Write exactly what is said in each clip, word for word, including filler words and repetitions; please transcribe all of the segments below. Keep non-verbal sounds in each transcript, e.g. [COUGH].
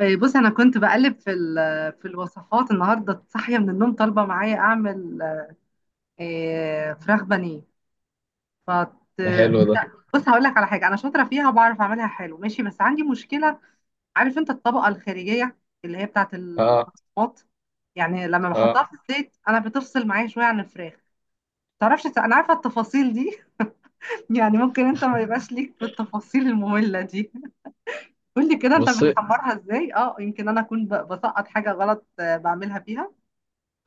إيه، بص انا كنت بقلب في ال- في الوصفات النهارده، صاحيه من النوم طالبه معايا اعمل إيه، فراخ بانيه. فت... ده حلو ده. بص هقول لك على حاجه انا شاطره فيها وبعرف اعملها حلو ماشي، بس عندي مشكله. عارف انت الطبقه الخارجيه اللي هي بتاعت اه، البقسماط، يعني لما اه. بحطها في الزيت انا بتفصل معايا شويه عن الفراخ. تعرفش انا عارفه التفاصيل دي؟ [LAUGHS] يعني ممكن انت ما يبقاش ليك في التفاصيل الممله دي. قول لي كده انت بصي، بتحمرها ازاي؟ اه يمكن انا اكون ب- بسقط حاجه غلط. آه، بعملها فيها.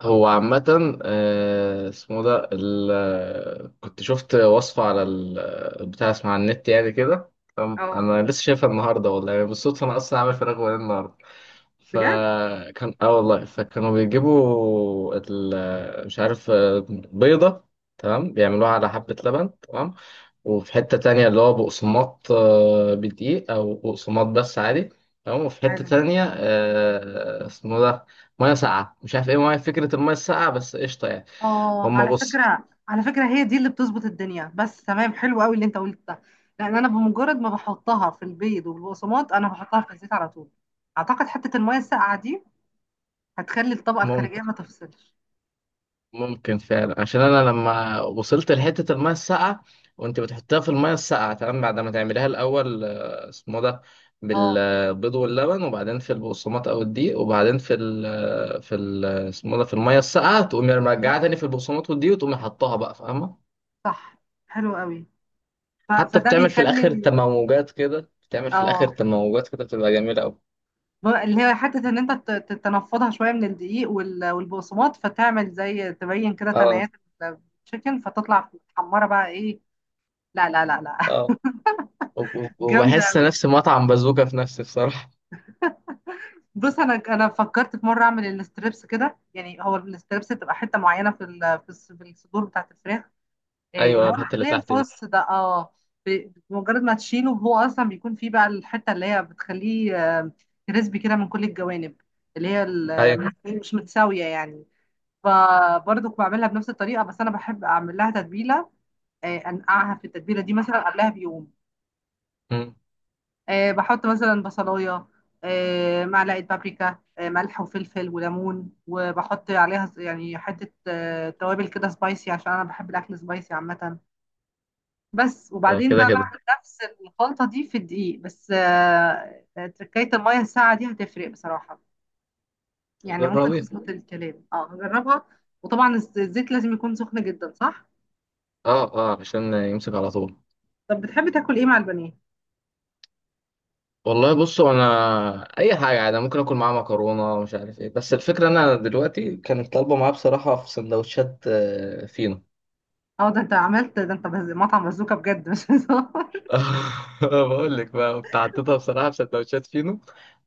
هو عامة آه، اسمه ده ال- آه، كنت شفت وصفة على ال- آه، البتاع، اسمه على النت يعني كده. تمام؟ اه، انا لسه شايفها النهارده، والله يعني بالصدفة، انا اصلا عامل فراخ بانيه النهارده. بجد. فكان اه والله، فكانوا بيجيبوا ال- آه، مش عارف، آه، بيضة، تمام، بيعملوها على حبة لبن. تمام. وفي حتة تانية اللي هو بقسماط، آه، بدقيق أو بقسماط بس عادي. تمام. وفي حتة حلو. تانية، آه، اسمه ده، مية ساقعة، مش عارف ايه، مية. فكرة المية الساقعة بس قشطة يعني. اه، هما على بص، فكرة على فكرة هي دي اللي بتظبط الدنيا، بس تمام حلو قوي اللي انت قلت ده. لان انا بمجرد ما بحطها في البيض والبقسماط انا بحطها في الزيت على طول. اعتقد حتة المية الساقعة دي هتخلي الطبقة ممكن الخارجية ما تفصلش. ممكن فعلا، عشان أنا لما وصلت لحتة المية الساقعة، وأنت بتحطها في المية الساقعة، تمام؟ بعد ما تعمليها الأول، آه، اسمه ده، اه، بالبيض واللبن، وبعدين في البقسماط او الدقيق، وبعدين في ال في ال اسمه ده، في الميه الساقعه، تقومي ايوه، مرجعه تاني في البقسماط والدقيق، وتقومي حطها بقى. فاهمه؟ صح، حلو قوي. ف... حتى فده بتعمل في بيخلي الاخر ال- تموجات كده، بتعمل في الاخر اه. تموجات كده، بتبقى جميله قوي. ب- اللي هي حتة ان انت ت- ت- تنفضها شوية من الدقيق وال... والبقسماط فتعمل زي تبين كده اه، تنايات التشيكن فتطلع محمرة بقى ايه. لا لا لا لا. اه. وب- وب- [LAUGHS] جامدة. وبحس نفسي مطعم بازوكا في نفسي بصراحه. بص انا انا فكرت في مره اعمل الستريبس كده، يعني هو الستريبس تبقى حته معينه في ال- في الص- في الصدور بتاعت الفراخ. [LAUGHS] إيه، اللي ايوه، هو الحته اللي اللي هي تحت دي. الفص ده. اه، ب- بمجرد ما تشيله هو اصلا بيكون فيه بقى الحته اللي هي بتخليه، آه، كريسبي كده من كل الجوانب. اللي هي ال- ايوه. مش مش متساويه يعني. فبرضه بعملها بنفس الطريقه، بس انا بحب اعمل لها تتبيله. آه، انقعها في التتبيله دي مثلا قبلها بيوم. أمم. آه، بحط مثلا بصلايه، آه، معلقه بابريكا، آه، ملح وفلفل وليمون، وبحط عليها ز- يعني حته آه، توابل كده سبايسي عشان انا بحب الاكل سبايسي عامه. بس آه، وبعدين كده بقى كده. بعمل نفس الخلطه دي في الدقيق، بس آه، آه، تركايه الميه الساقعه دي هتفرق بصراحه. يعني ممكن جربي. تظبط الكلام. اه، هجربها. وطبعا الز- الزيت لازم يكون سخن جدا، صح؟ اه، اه، عشان يمسك على طول. طب بتحب تاكل ايه مع البانيه؟ والله بصوا، انا اي حاجه عادي. أنا ممكن اكل معاه مكرونه ومش عارف ايه، بس الفكره انا دلوقتي كانت طالبه معاه بصراحه في سندوتشات، آه، فينو. اه، ده انت عملت ده، انت بز- مطعم بازوكا بجد مش هزار. [LAUGHS] بقول لك بقى، كنت حطيتها بصراحة في سندوتشات فينو،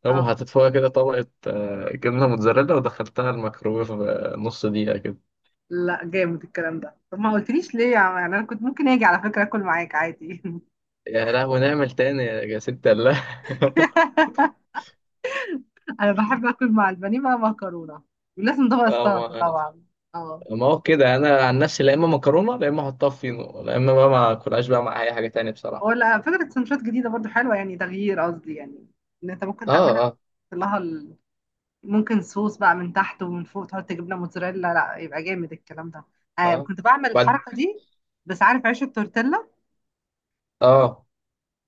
قوم اه، حطيت فوقها كده طبقة آه، جبنة موتزاريلا، ودخلتها الميكرويف آه، نص دقيقة كده. لا جامد الكلام ده، طب ما قلتليش ليه يا عم؟ يعني انا كنت ممكن اجي على فكره اكل معاك عادي. يا لهوي نعمل تاني يا يا ست الله. [LAUGHS] [LAUGHS] انا بحب اكل مع البانيه بقى مكرونه، ولازم طبق آه، ما، السلطه طبعا. اه، ما هو كده. أنا عن نفسي، لا إما مكرونة، لا إما أحطها في فينو، لا إما بقى ما اه. أكلهاش بقى مع أي حاجة تانية هو بصراحة. لا فكره سندوتشات جديده برضو حلوه يعني تغيير قصدي يعني. ان انت ممكن آه، تعملها آه. وتحط لها ال... ممكن صوص بقى من تحت ومن فوق تحط جبنه موتزاريلا، لا يبقى جامد الكلام ده. آه آه، كنت بعمل بعد. الحركه دي. بس عارف عيش التورتيلا؟ آه.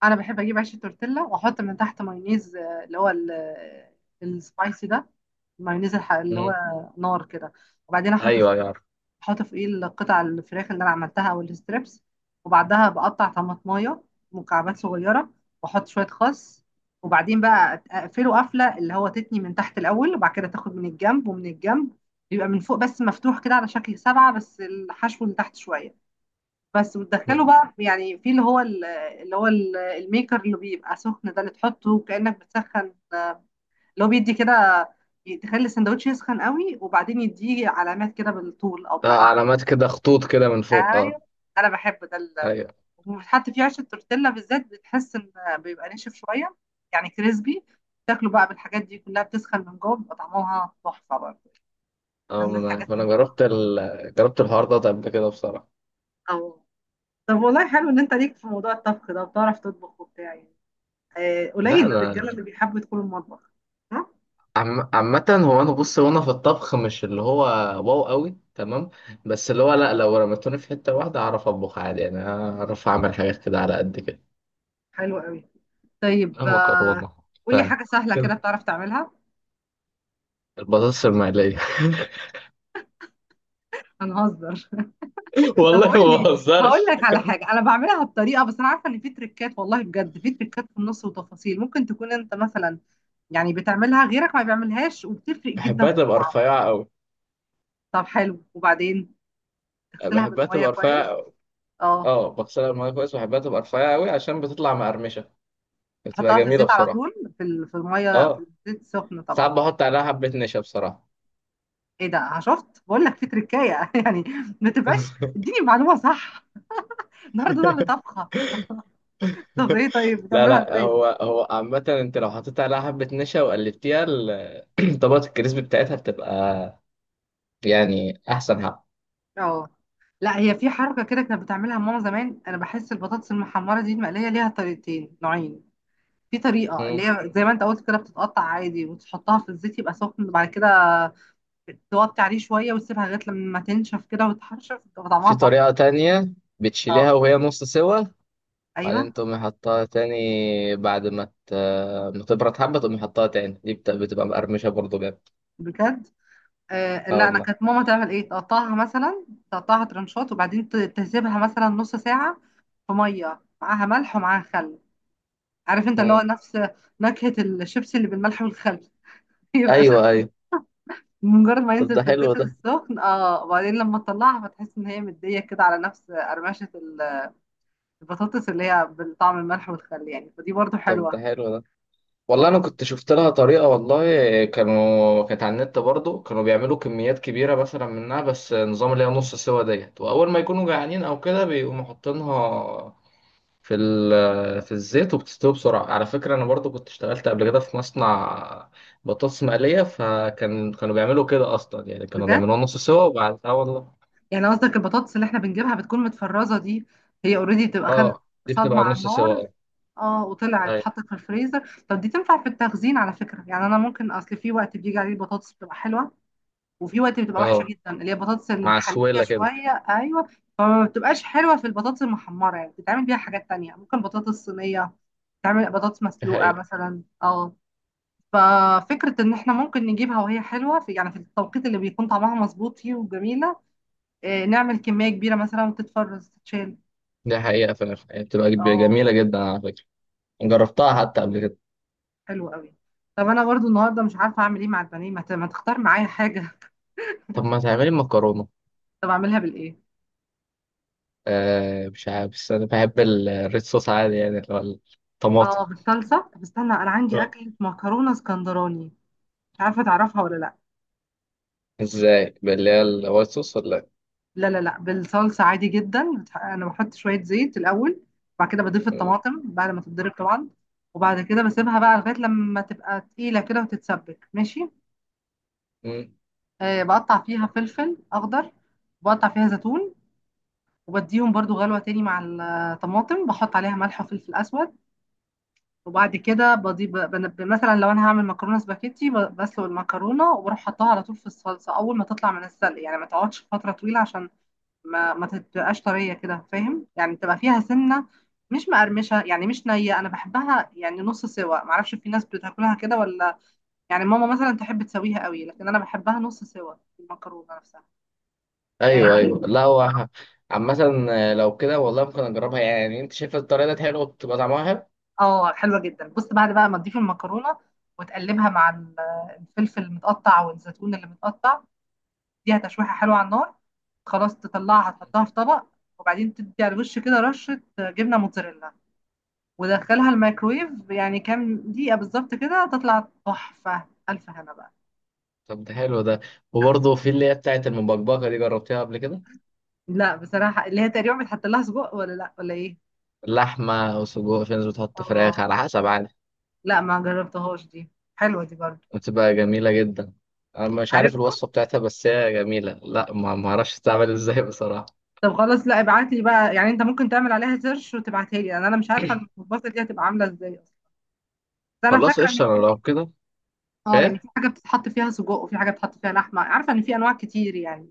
انا بحب اجيب عيش التورتيلا واحط من تحت مايونيز، آه، اللي هو ال- آه، السبايسي ده، المايونيز الح- اللي هو مم. نار كده، وبعدين احط في- أيوه، يا عارف. احط فوقيه القطع الفراخ اللي انا عملتها او الستريبس، وبعدها بقطع طماطمايه مكعبات صغيره، واحط شويه خس، وبعدين بقى أت- اقفله قفله اللي هو تتني من تحت الاول، وبعد كده تاخد من الجنب ومن الجنب، بيبقى من فوق بس مفتوح كده على شكل سبعه، بس الحشو من تحت شويه بس، مم. وتدخله بقى يعني في اللي هو ال- اللي هو ال- الميكر اللي بيبقى سخن ده، اللي تحطه كأنك بتسخن، اللي هو بيدي كده، ي- تخلي السندوتش يسخن قوي، وبعدين يديه علامات كده بالطول او آه، بالعرض. علامات كده، خطوط كده من فوق. ايوه، آه. انا بحب ده ال- أيوه. وبتحط فيه عيش التورتيلا بالذات بتحس ان بيبقى ناشف شويه يعني كريسبي، تاكله بقى بالحاجات دي كلها بتسخن من جوه بيبقى طعمها تحفه برضه. ده اه، من ما انا، الحاجات فانا اللي بتبقى- جربت ال... جربت الحوار ده قبل كده بصراحه. اه. طب والله حلو ان انت ليك في موضوع الطبخ ده وبتعرف تطبخ وبتاع يعني. آه، لا قليل الرجاله انا، اللي بيحبوا يدخلوا المطبخ. ها، عم... عامه هو انا بص، وانا في الطبخ مش اللي هو واو قوي تمام، بس اللي هو لا، لو رميتوني في حته واحده اعرف اطبخ عادي، يعني اعرف اعمل حاجات كده على قد كده. حلو قوي. آه، طيب، آه، مكرونه، قولي بتاع حاجه سهله كده كده، بتعرف تعملها. البطاطس المقليه. هنهزر؟ [LAUGHS] [LAUGHS] طب والله ما قولي. هقول بهزرش. لك على حاجه انا بعملها بطريقه، بس انا عارفه ان في تريكات، والله بجد في تريكات في النص وتفاصيل ممكن تكون انت مثلا يعني بتعملها غيرك ما بيعملهاش وبتفرق جدا بحبها في تبقى الطعم. رفيعه قوي. طب حلو، وبعدين تغسلها بحبها بالميه تبقى رفيعه كويس. أوي. اه، اه، بغسلها الميه كويس، بحبها تبقى رفيعه قوي عشان بتطلع مقرمشه، بتبقى تحطها في جميله الزيت على بصراحه. طول في ال- في الميه في اه، الزيت سخن ساعات طبعا. بحط عليها حبة نشا بصراحة. ايه ده؟ آه، شفت بقول لك في تركايه؟ [LAUGHS] يعني ما تبقاش [LAUGHS] اديني معلومه صح. النهارده انا اللي طبخه. طب ايه؟ طيب لا بتعملها لا، ازاي دي؟ هو هو عامة، انت لو حطيت عليها حبة نشا وقلبتيها، ال- [CLEARS THROAT] طبقة الكريسبي بتاعتها بتبقى يعني أحسن حاجة. اه، لا هي في حركه كده كانت بتعملها ماما زمان. انا بحس البطاطس المحمره دي المقليه ليها طريقتين نوعين. في طريقه اللي مم. هي زي ما انت قلت كده بتتقطع عادي وتحطها في الزيت يبقى سخن، وبعد كده توطي عليه شويه وتسيبها لغايه لما تنشف كده وتحرشف، بتبقى طعمها في طريقة تحفه. تانية، اه، بتشيليها وهي نص سوا، ايوه، بعدين تقومي حطها تاني، بعد ما ت- ما تبرد حبة، تقومي حطها تاني. دي بت- بتبقى مقرمشة برضه جامد. بجد. آه، اه لا انا والله. كانت ماما تعمل ايه، تقطعها مثلا تقطعها ترنشات، وبعدين ت- تسيبها مثلا نص ساعه في ميه معاها ملح ومعاها خل. عارف انت اللي هو مم. نفس نكهه الشيبسي اللي بالملح والخل؟ [LAUGHS] يبقى أيوه، شكل أيوه. مجرد ما طب ينزل ده في حلو الزيت ده السخن اه، وبعدين لما تطلعها فتحس ان هي مديه كده على نفس قرمشه ال- البطاطس اللي هي بالطعم الملح والخل يعني، فدي برضو طب ده حلوه. حلو ده اه، والله انا كنت شفت لها طريقه، والله كانوا كانت على النت برضو، كانوا بيعملوا كميات كبيره مثلا منها، بس نظام اللي هي نص سوا ديت، واول ما يكونوا جعانين او كده، بيقوموا حاطينها في ال- في الزيت، وبتستوي بسرعه. على فكره انا برضو كنت اشتغلت قبل كده في مصنع بطاطس مقليه، فكان كانوا بيعملوا كده اصلا، يعني كانوا بجد؟ بيعملوها نص سوا، وبعد اه والله. يعني قصدك البطاطس اللي احنا بنجيبها بتكون متفرزة دي هي اوريدي بتبقى خدت اه، دي صدمة بتبقى على نص سوا، النار. اه. اه، وطلعت أيوة. اتحطت في الفريزر. طب دي تنفع في التخزين على فكرة، يعني انا ممكن اصل في وقت بيجي عليه البطاطس بتبقى حلوة وفي وقت بتبقى وحشة اه، جدا، اللي هي البطاطس مع المحلية سويله كده. شوية، ايوه. فما بتبقاش حلوة في البطاطس المحمرة، يعني بتتعمل بيها حاجات تانية، ممكن بطاطس صينية، تعمل بطاطس دي مسلوقة حقيقه، مثلا. اه، ففكرة ان احنا ممكن نجيبها وهي حلوة في يعني في التوقيت اللي بيكون طعمها مظبوط فيه وجميلة، آه، نعمل كمية كبيرة مثلا وتتفرز تتشال. دي حقيقه فعلا يعني بتبقى اه، جميله جدا على فكره، جربتها حتى قبل كده. حلو قوي. طب انا برضو النهارده مش عارفة اعمل ايه مع البانيه، ما ت- ما تختار معايا حاجة؟ طب ما تعملي مكرونة. [LAUGHS] طب اعملها بالايه؟ آه مش عارف، بس أنا بحب ال- الريد صوص عادي، يعني اللي هو الطماطم. اه، بالصلصة. طب استنى، انا عندي آه. اكلة مكرونة اسكندراني، مش عارفة تعرفها ولا لا؟ ازاي، اللي هي الوايت صوص ولا؟ لا لا لا، بالصلصة عادي جدا، بتح- انا بحط شوية زيت الاول، بعد كده بضيف إيه؟ الطماطم بعد ما تتضرب طبعا، وبعد كده بسيبها بقى لغاية لما تبقى تقيلة كده وتتسبك ماشي. مم. آه، بقطع فيها فلفل اخضر، بقطع فيها زيتون، وبديهم برضو غلوة تاني مع الطماطم، بحط عليها ملح وفلفل أسود، وبعد كده بضيف بنب... مثلا لو أنا هعمل مكرونة سباكيتي ب- بسلق المكرونة وبروح حطها على طول في الصلصة أول ما تطلع من السلق، يعني ما تقعدش فترة طويلة عشان ما ما تبقاش طرية كده فاهم يعني، تبقى فيها سنة مش مقرمشة يعني مش نية، أنا بحبها يعني نص سوا، معرفش في ناس بتاكلها كده ولا، يعني ماما مثلا تحب تسويها قوي لكن أنا بحبها نص سوا المكرونة نفسها. ايوه، آه، ايوه. لا هو ه- عامة، آه، لو كده والله ممكن اجربها يعني، انت شايف الطريقة دي حلوة وبتبقى طعمها حلو. اه حلوة جدا. بص بعد بقى ما تضيف المكرونة وتقلبها مع ال- الفلفل المتقطع والزيتون اللي متقطع، دي تشويحة حلوة على النار، خلاص تطلعها تحطها في طبق، وبعدين تدي على الوش كده رشة جبنة موتزاريلا ودخلها الميكرويف يعني كام دقيقة بالظبط كده تطلع تحفة ألف هنا بقى. طب ده حلو ده. وبرضه في اللي هي بتاعت المبكبكة دي، جربتيها قبل كده؟ لا بصراحة، اللي هي تقريبا بتحط لها سجق ولا لا ولا ايه؟ لحمة وسجق، في ناس بتحط اه، فراخ، على حسب، عادي. لا ما جربتهاش دي. حلوة دي برضو. بتبقى جميلة جدا. أنا مش عارف، عارف الوصفة بتاعتها، بس هي جميلة، لا ما ما أعرفش تتعمل إزاي بصراحة. طب خلاص لا ابعت لي بقى، يعني انت ممكن تعمل عليها سيرش وتبعتها لي لان انا مش عارفه المخبوزه دي هتبقى عامله ازاي اصلا، بس انا خلاص فاكره ان قشطة، أنا لو في كده. اه، يعني إيه. في حاجه بتتحط فيها سجق وفي حاجه بتتحط فيها لحمه، عارفه ان في انواع كتير يعني،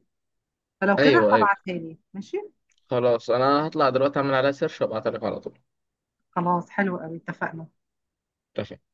فلو كده أيوه، أيوه. ابعتها لي ماشي. خلاص، أنا هطلع دلوقتي أعمل عليها سيرش وأبعتها لك على طول. خلاص حلو قوي اتفقنا اتفقنا.